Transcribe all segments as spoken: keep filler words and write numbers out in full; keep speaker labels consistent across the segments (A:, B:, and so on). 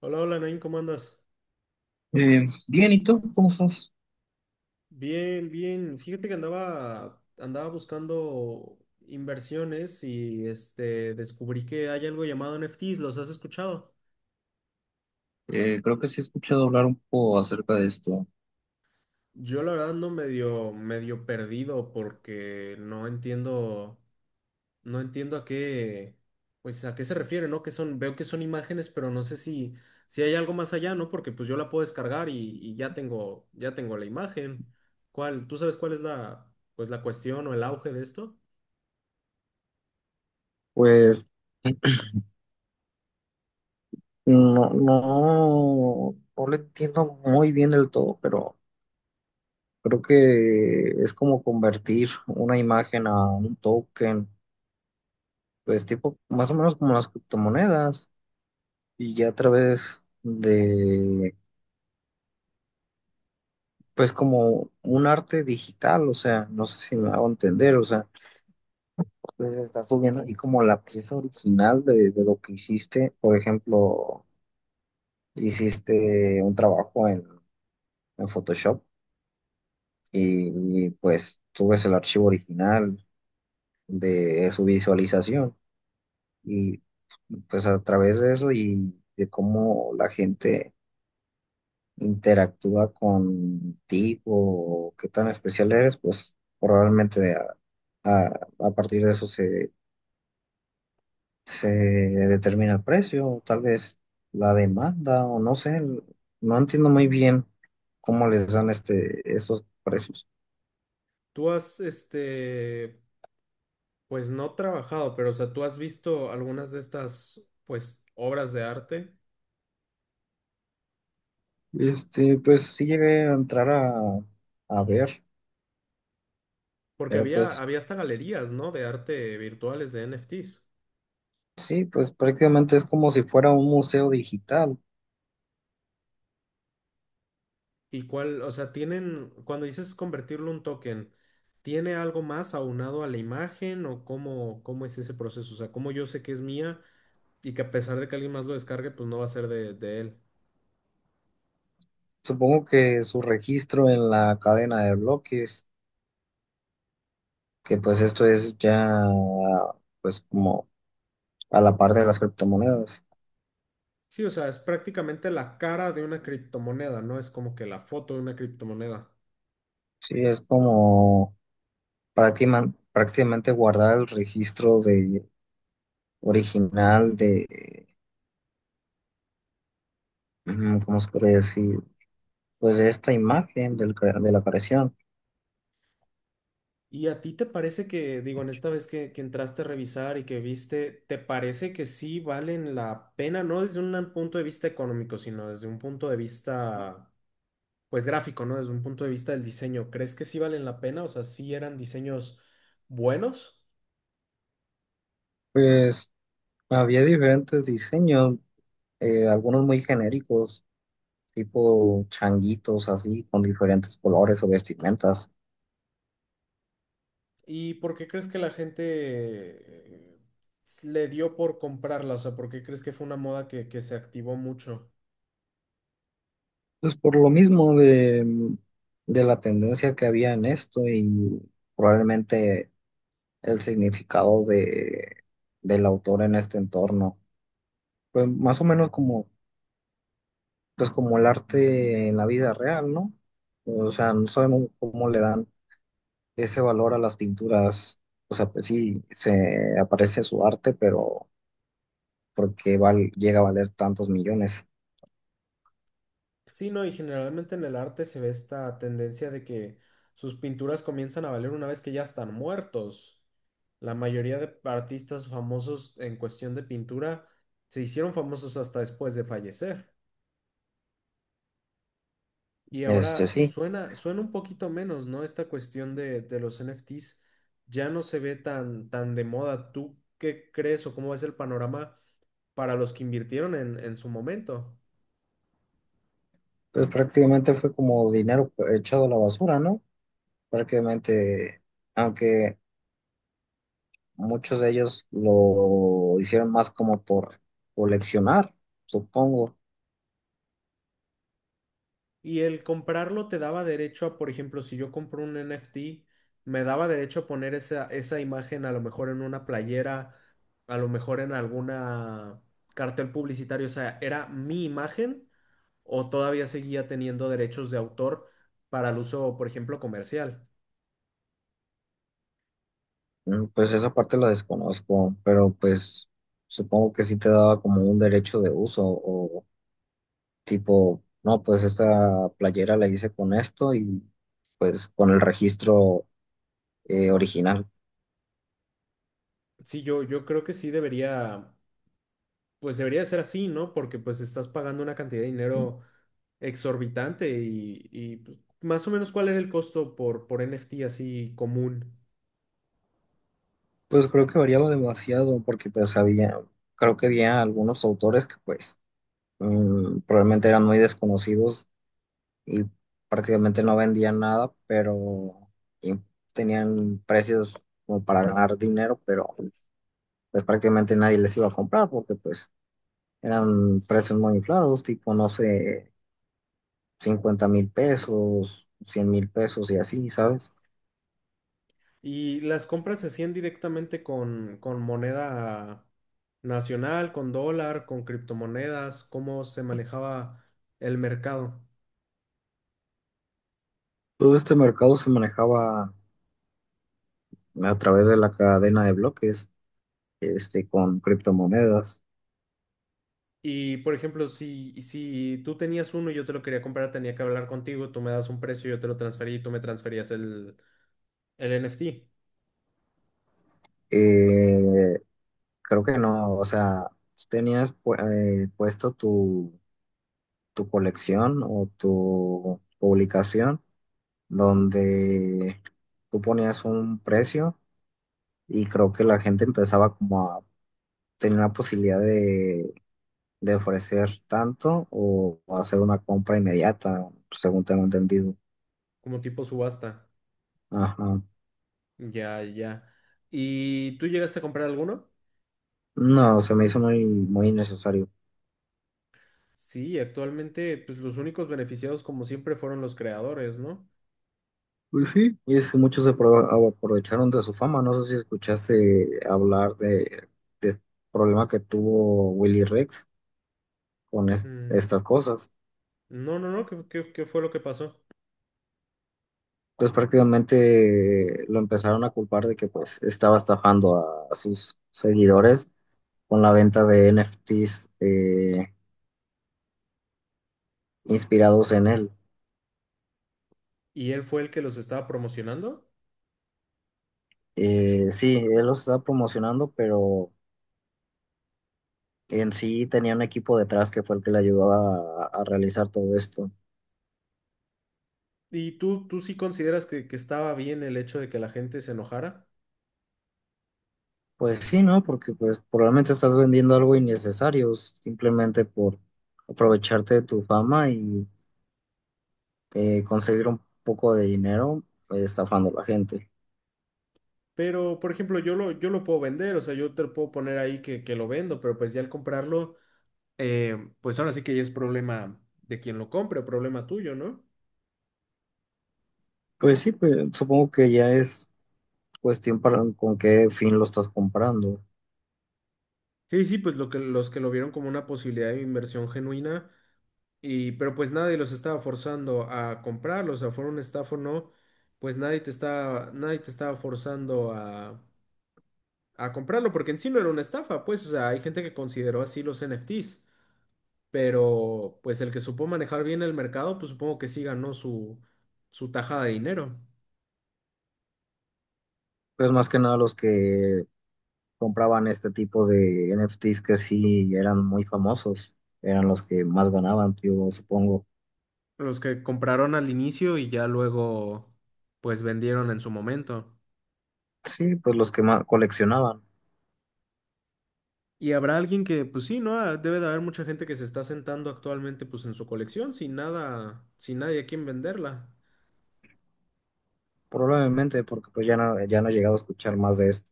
A: Hola, hola, Nain, ¿cómo andas?
B: Eh, bien, ¿y tú? ¿Cómo estás?
A: Bien, bien. Fíjate que andaba, andaba buscando inversiones y este, descubrí que hay algo llamado N F T s, ¿los has escuchado?
B: Eh, creo que sí he escuchado hablar un poco acerca de esto.
A: Yo la verdad ando medio, medio perdido porque no entiendo, no entiendo a qué, pues a qué se refiere, ¿no? Que son, veo que son imágenes, pero no sé si, si hay algo más allá, ¿no? Porque pues yo la puedo descargar y, y ya tengo, ya tengo la imagen. ¿Cuál? ¿Tú sabes cuál es la, pues la cuestión o el auge de esto?
B: Pues no, no, no lo entiendo muy bien del todo, pero creo que es como convertir una imagen a un token, pues tipo más o menos como las criptomonedas y ya a través de, pues como un arte digital, o sea, no sé si me hago entender, o sea, pues estás subiendo ahí como la pieza original de, de lo que hiciste, por ejemplo. Hiciste un trabajo en, en Photoshop y, y, pues subes el archivo original de su visualización y pues a través de eso y de cómo la gente interactúa contigo o qué tan especial eres, pues probablemente a, a- a partir de eso se, se determina el precio, o tal vez la demanda o no sé, no entiendo muy bien cómo les dan este, estos precios.
A: Tú has, este, pues no trabajado, pero o sea, tú has visto algunas de estas, pues, obras de arte,
B: Este, pues sí llegué a entrar a, a ver,
A: porque
B: pero
A: había,
B: pues
A: había hasta galerías, ¿no? De arte virtuales, de N F T s.
B: sí, pues prácticamente es como si fuera un museo digital.
A: ¿Y cuál, o sea, tienen, cuando dices convertirlo en un token, ¿tiene algo más aunado a la imagen o cómo, cómo es ese proceso? O sea, ¿cómo yo sé que es mía y que a pesar de que alguien más lo descargue, pues no va a ser de, de él?
B: Supongo que su registro en la cadena de bloques, que pues esto es ya pues como a la par de las criptomonedas.
A: Sí, o sea, es prácticamente la cara de una criptomoneda, ¿no? Es como que la foto de una criptomoneda.
B: Sí, es como práctima- prácticamente guardar el registro de original de, mm, ¿cómo se puede decir? Pues de esta imagen del cre- de la creación.
A: ¿Y a ti te parece que, digo, en esta vez que, que entraste a revisar y que viste, ¿te parece que sí valen la pena? No desde un punto de vista económico, sino desde un punto de vista, pues gráfico, ¿no? Desde un punto de vista del diseño. ¿Crees que sí valen la pena? O sea, ¿sí eran diseños buenos?
B: Pues había diferentes diseños, eh, algunos muy genéricos, tipo changuitos así, con diferentes colores o vestimentas.
A: ¿Y por qué crees que la gente eh, le dio por comprarla? O sea, ¿por qué crees que fue una moda que, que se activó mucho?
B: Pues por lo mismo de, mm, de la tendencia que había en esto y probablemente el significado de, del autor en este entorno. Pues más o menos como, pues como el arte en la vida real, ¿no? O sea, no sabemos cómo le dan ese valor a las pinturas. O sea, pues sí, se aparece su arte, pero porque val- llega a valer tantos millones.
A: Sí, no, y generalmente en el arte se ve esta tendencia de que sus pinturas comienzan a valer una vez que ya están muertos. La mayoría de artistas famosos en cuestión de pintura se hicieron famosos hasta después de fallecer. Y
B: Este
A: ahora
B: sí,
A: suena, suena un poquito menos, ¿no? Esta cuestión de, de los N F T s ya no se ve tan, tan de moda. ¿Tú qué crees o cómo es el panorama para los que invirtieron en, en su momento?
B: pues prácticamente fue como dinero echado a la basura, ¿no? Prácticamente, aunque muchos de ellos lo hicieron más como por coleccionar, supongo.
A: Y el comprarlo te daba derecho a, por ejemplo, si yo compro un N F T, me daba derecho a poner esa, esa imagen a lo mejor en una playera, a lo mejor en alguna cartel publicitario. O sea, ¿era mi imagen o todavía seguía teniendo derechos de autor para el uso, por ejemplo, comercial?
B: Mm, Pues esa parte la desconozco, pero pues supongo que sí te daba como un derecho de uso o tipo, no, pues esta playera la hice con esto y pues con el registro, eh, original.
A: Sí, yo, yo creo que sí debería. Pues debería ser así, ¿no? Porque pues estás pagando una cantidad de dinero exorbitante y, y, pues, más o menos cuál era el costo por, por N F T así común.
B: Pues creo que variaba demasiado porque pues había, creo que había algunos autores que pues, mm, probablemente eran muy desconocidos y prácticamente no vendían nada, pero y tenían precios como para ganar dinero, pero pues prácticamente nadie les iba a comprar porque pues eran precios muy inflados, tipo no sé, cincuenta mil pesos, cien mil pesos y así, ¿sabes?
A: Y las compras se hacían directamente con, con moneda nacional, con dólar, con criptomonedas, cómo se manejaba el mercado.
B: Todo este mercado se manejaba a través de la cadena de bloques, este, con criptomonedas.
A: Y por ejemplo, si, si tú tenías uno y yo te lo quería comprar, tenía que hablar contigo, tú me das un precio, yo te lo transferí y tú me transferías el, el N F T
B: Eh, Creo que no, o sea, tú tenías pu- eh, puesto tu, tu colección o tu publicación donde tú ponías un precio y creo que la gente empezaba como a tener la posibilidad de, de ofrecer tanto o, o hacer una compra inmediata, según tengo entendido.
A: como tipo subasta.
B: Ajá.
A: Ya, ya. ¿Y tú llegaste a comprar alguno?
B: No, se me hizo muy, muy innecesario.
A: Sí, actualmente, pues los únicos beneficiados, como siempre, fueron los creadores, ¿no?
B: Pues sí, es, muchos se apro- aprovecharon de su fama. No sé si escuchaste hablar de, de este problema que tuvo Willy Rex con es-
A: Mm,
B: estas cosas.
A: no, no, no, ¿qué, qué- qué fue lo que pasó?
B: Pues prácticamente lo empezaron a culpar de que pues estaba estafando a, a sus seguidores con la venta de N F T s, eh, inspirados en él.
A: ¿Y él fue el que los estaba promocionando?
B: Eh, sí, él los estaba promocionando, pero en sí tenía un equipo detrás que fue el que le ayudó a a realizar todo esto.
A: ¿Y tú, tú sí consideras que, que estaba bien el hecho de que la gente se enojara?
B: Pues sí, ¿no? Porque pues probablemente estás vendiendo algo innecesario simplemente por aprovecharte de tu fama y, eh, conseguir un poco de dinero, eh, estafando a la gente.
A: Pero, por ejemplo, yo lo, yo lo puedo vender, o sea, yo te lo puedo poner ahí que, que lo vendo, pero pues ya al comprarlo, eh, pues ahora sí que ya es problema de quien lo compre, problema tuyo, ¿no?
B: Pues sí, pues supongo que ya es cuestión para con qué fin lo estás comprando.
A: Sí, sí, pues lo que, los que lo vieron como una posibilidad de inversión genuina, y, pero pues nadie los estaba forzando a comprarlo, o sea, fuera un estafa o no, pues nadie te estaba, nadie te estaba forzando a, a comprarlo, porque en sí no era una estafa, pues, o sea, hay gente que consideró así los N F T s, pero pues el que supo manejar bien el mercado, pues supongo que sí ganó su, su tajada de dinero.
B: Pues más que nada los que compraban este tipo de N F T s que sí eran muy famosos, eran los que más ganaban, yo supongo.
A: Los que compraron al inicio y ya luego, pues vendieron en su momento.
B: Sí, pues los que más coleccionaban,
A: Y habrá alguien que, pues sí, ¿no? Ah, debe de haber mucha gente que se está sentando actualmente, pues en su colección, sin nada, sin nadie a quien venderla.
B: probablemente, porque pues ya no, ya no he llegado a escuchar más de esto.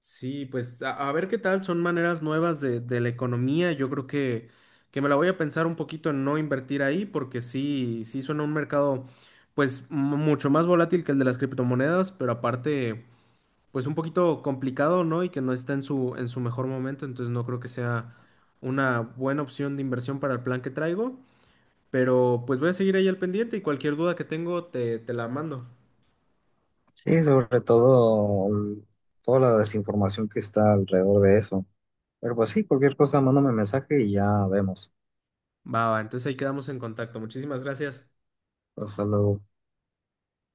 A: Sí, pues a, a ver qué tal, son maneras nuevas de, de la economía. Yo creo que, que me la voy a pensar un poquito en no invertir ahí, porque sí, sí suena un mercado, pues mu- mucho más volátil que el de las criptomonedas, pero aparte, pues un poquito complicado, ¿no? Y que no está en su, en su mejor momento, entonces no creo que sea una buena opción de inversión para el plan que traigo. Pero pues voy a seguir ahí al pendiente y cualquier duda que tengo te, te la mando.
B: Sí, sobre todo, mm, toda la desinformación que está alrededor de eso. Pero pues sí, cualquier cosa, mándame mensaje y ya vemos.
A: Va, va, entonces ahí quedamos en contacto. Muchísimas gracias.
B: Hasta luego.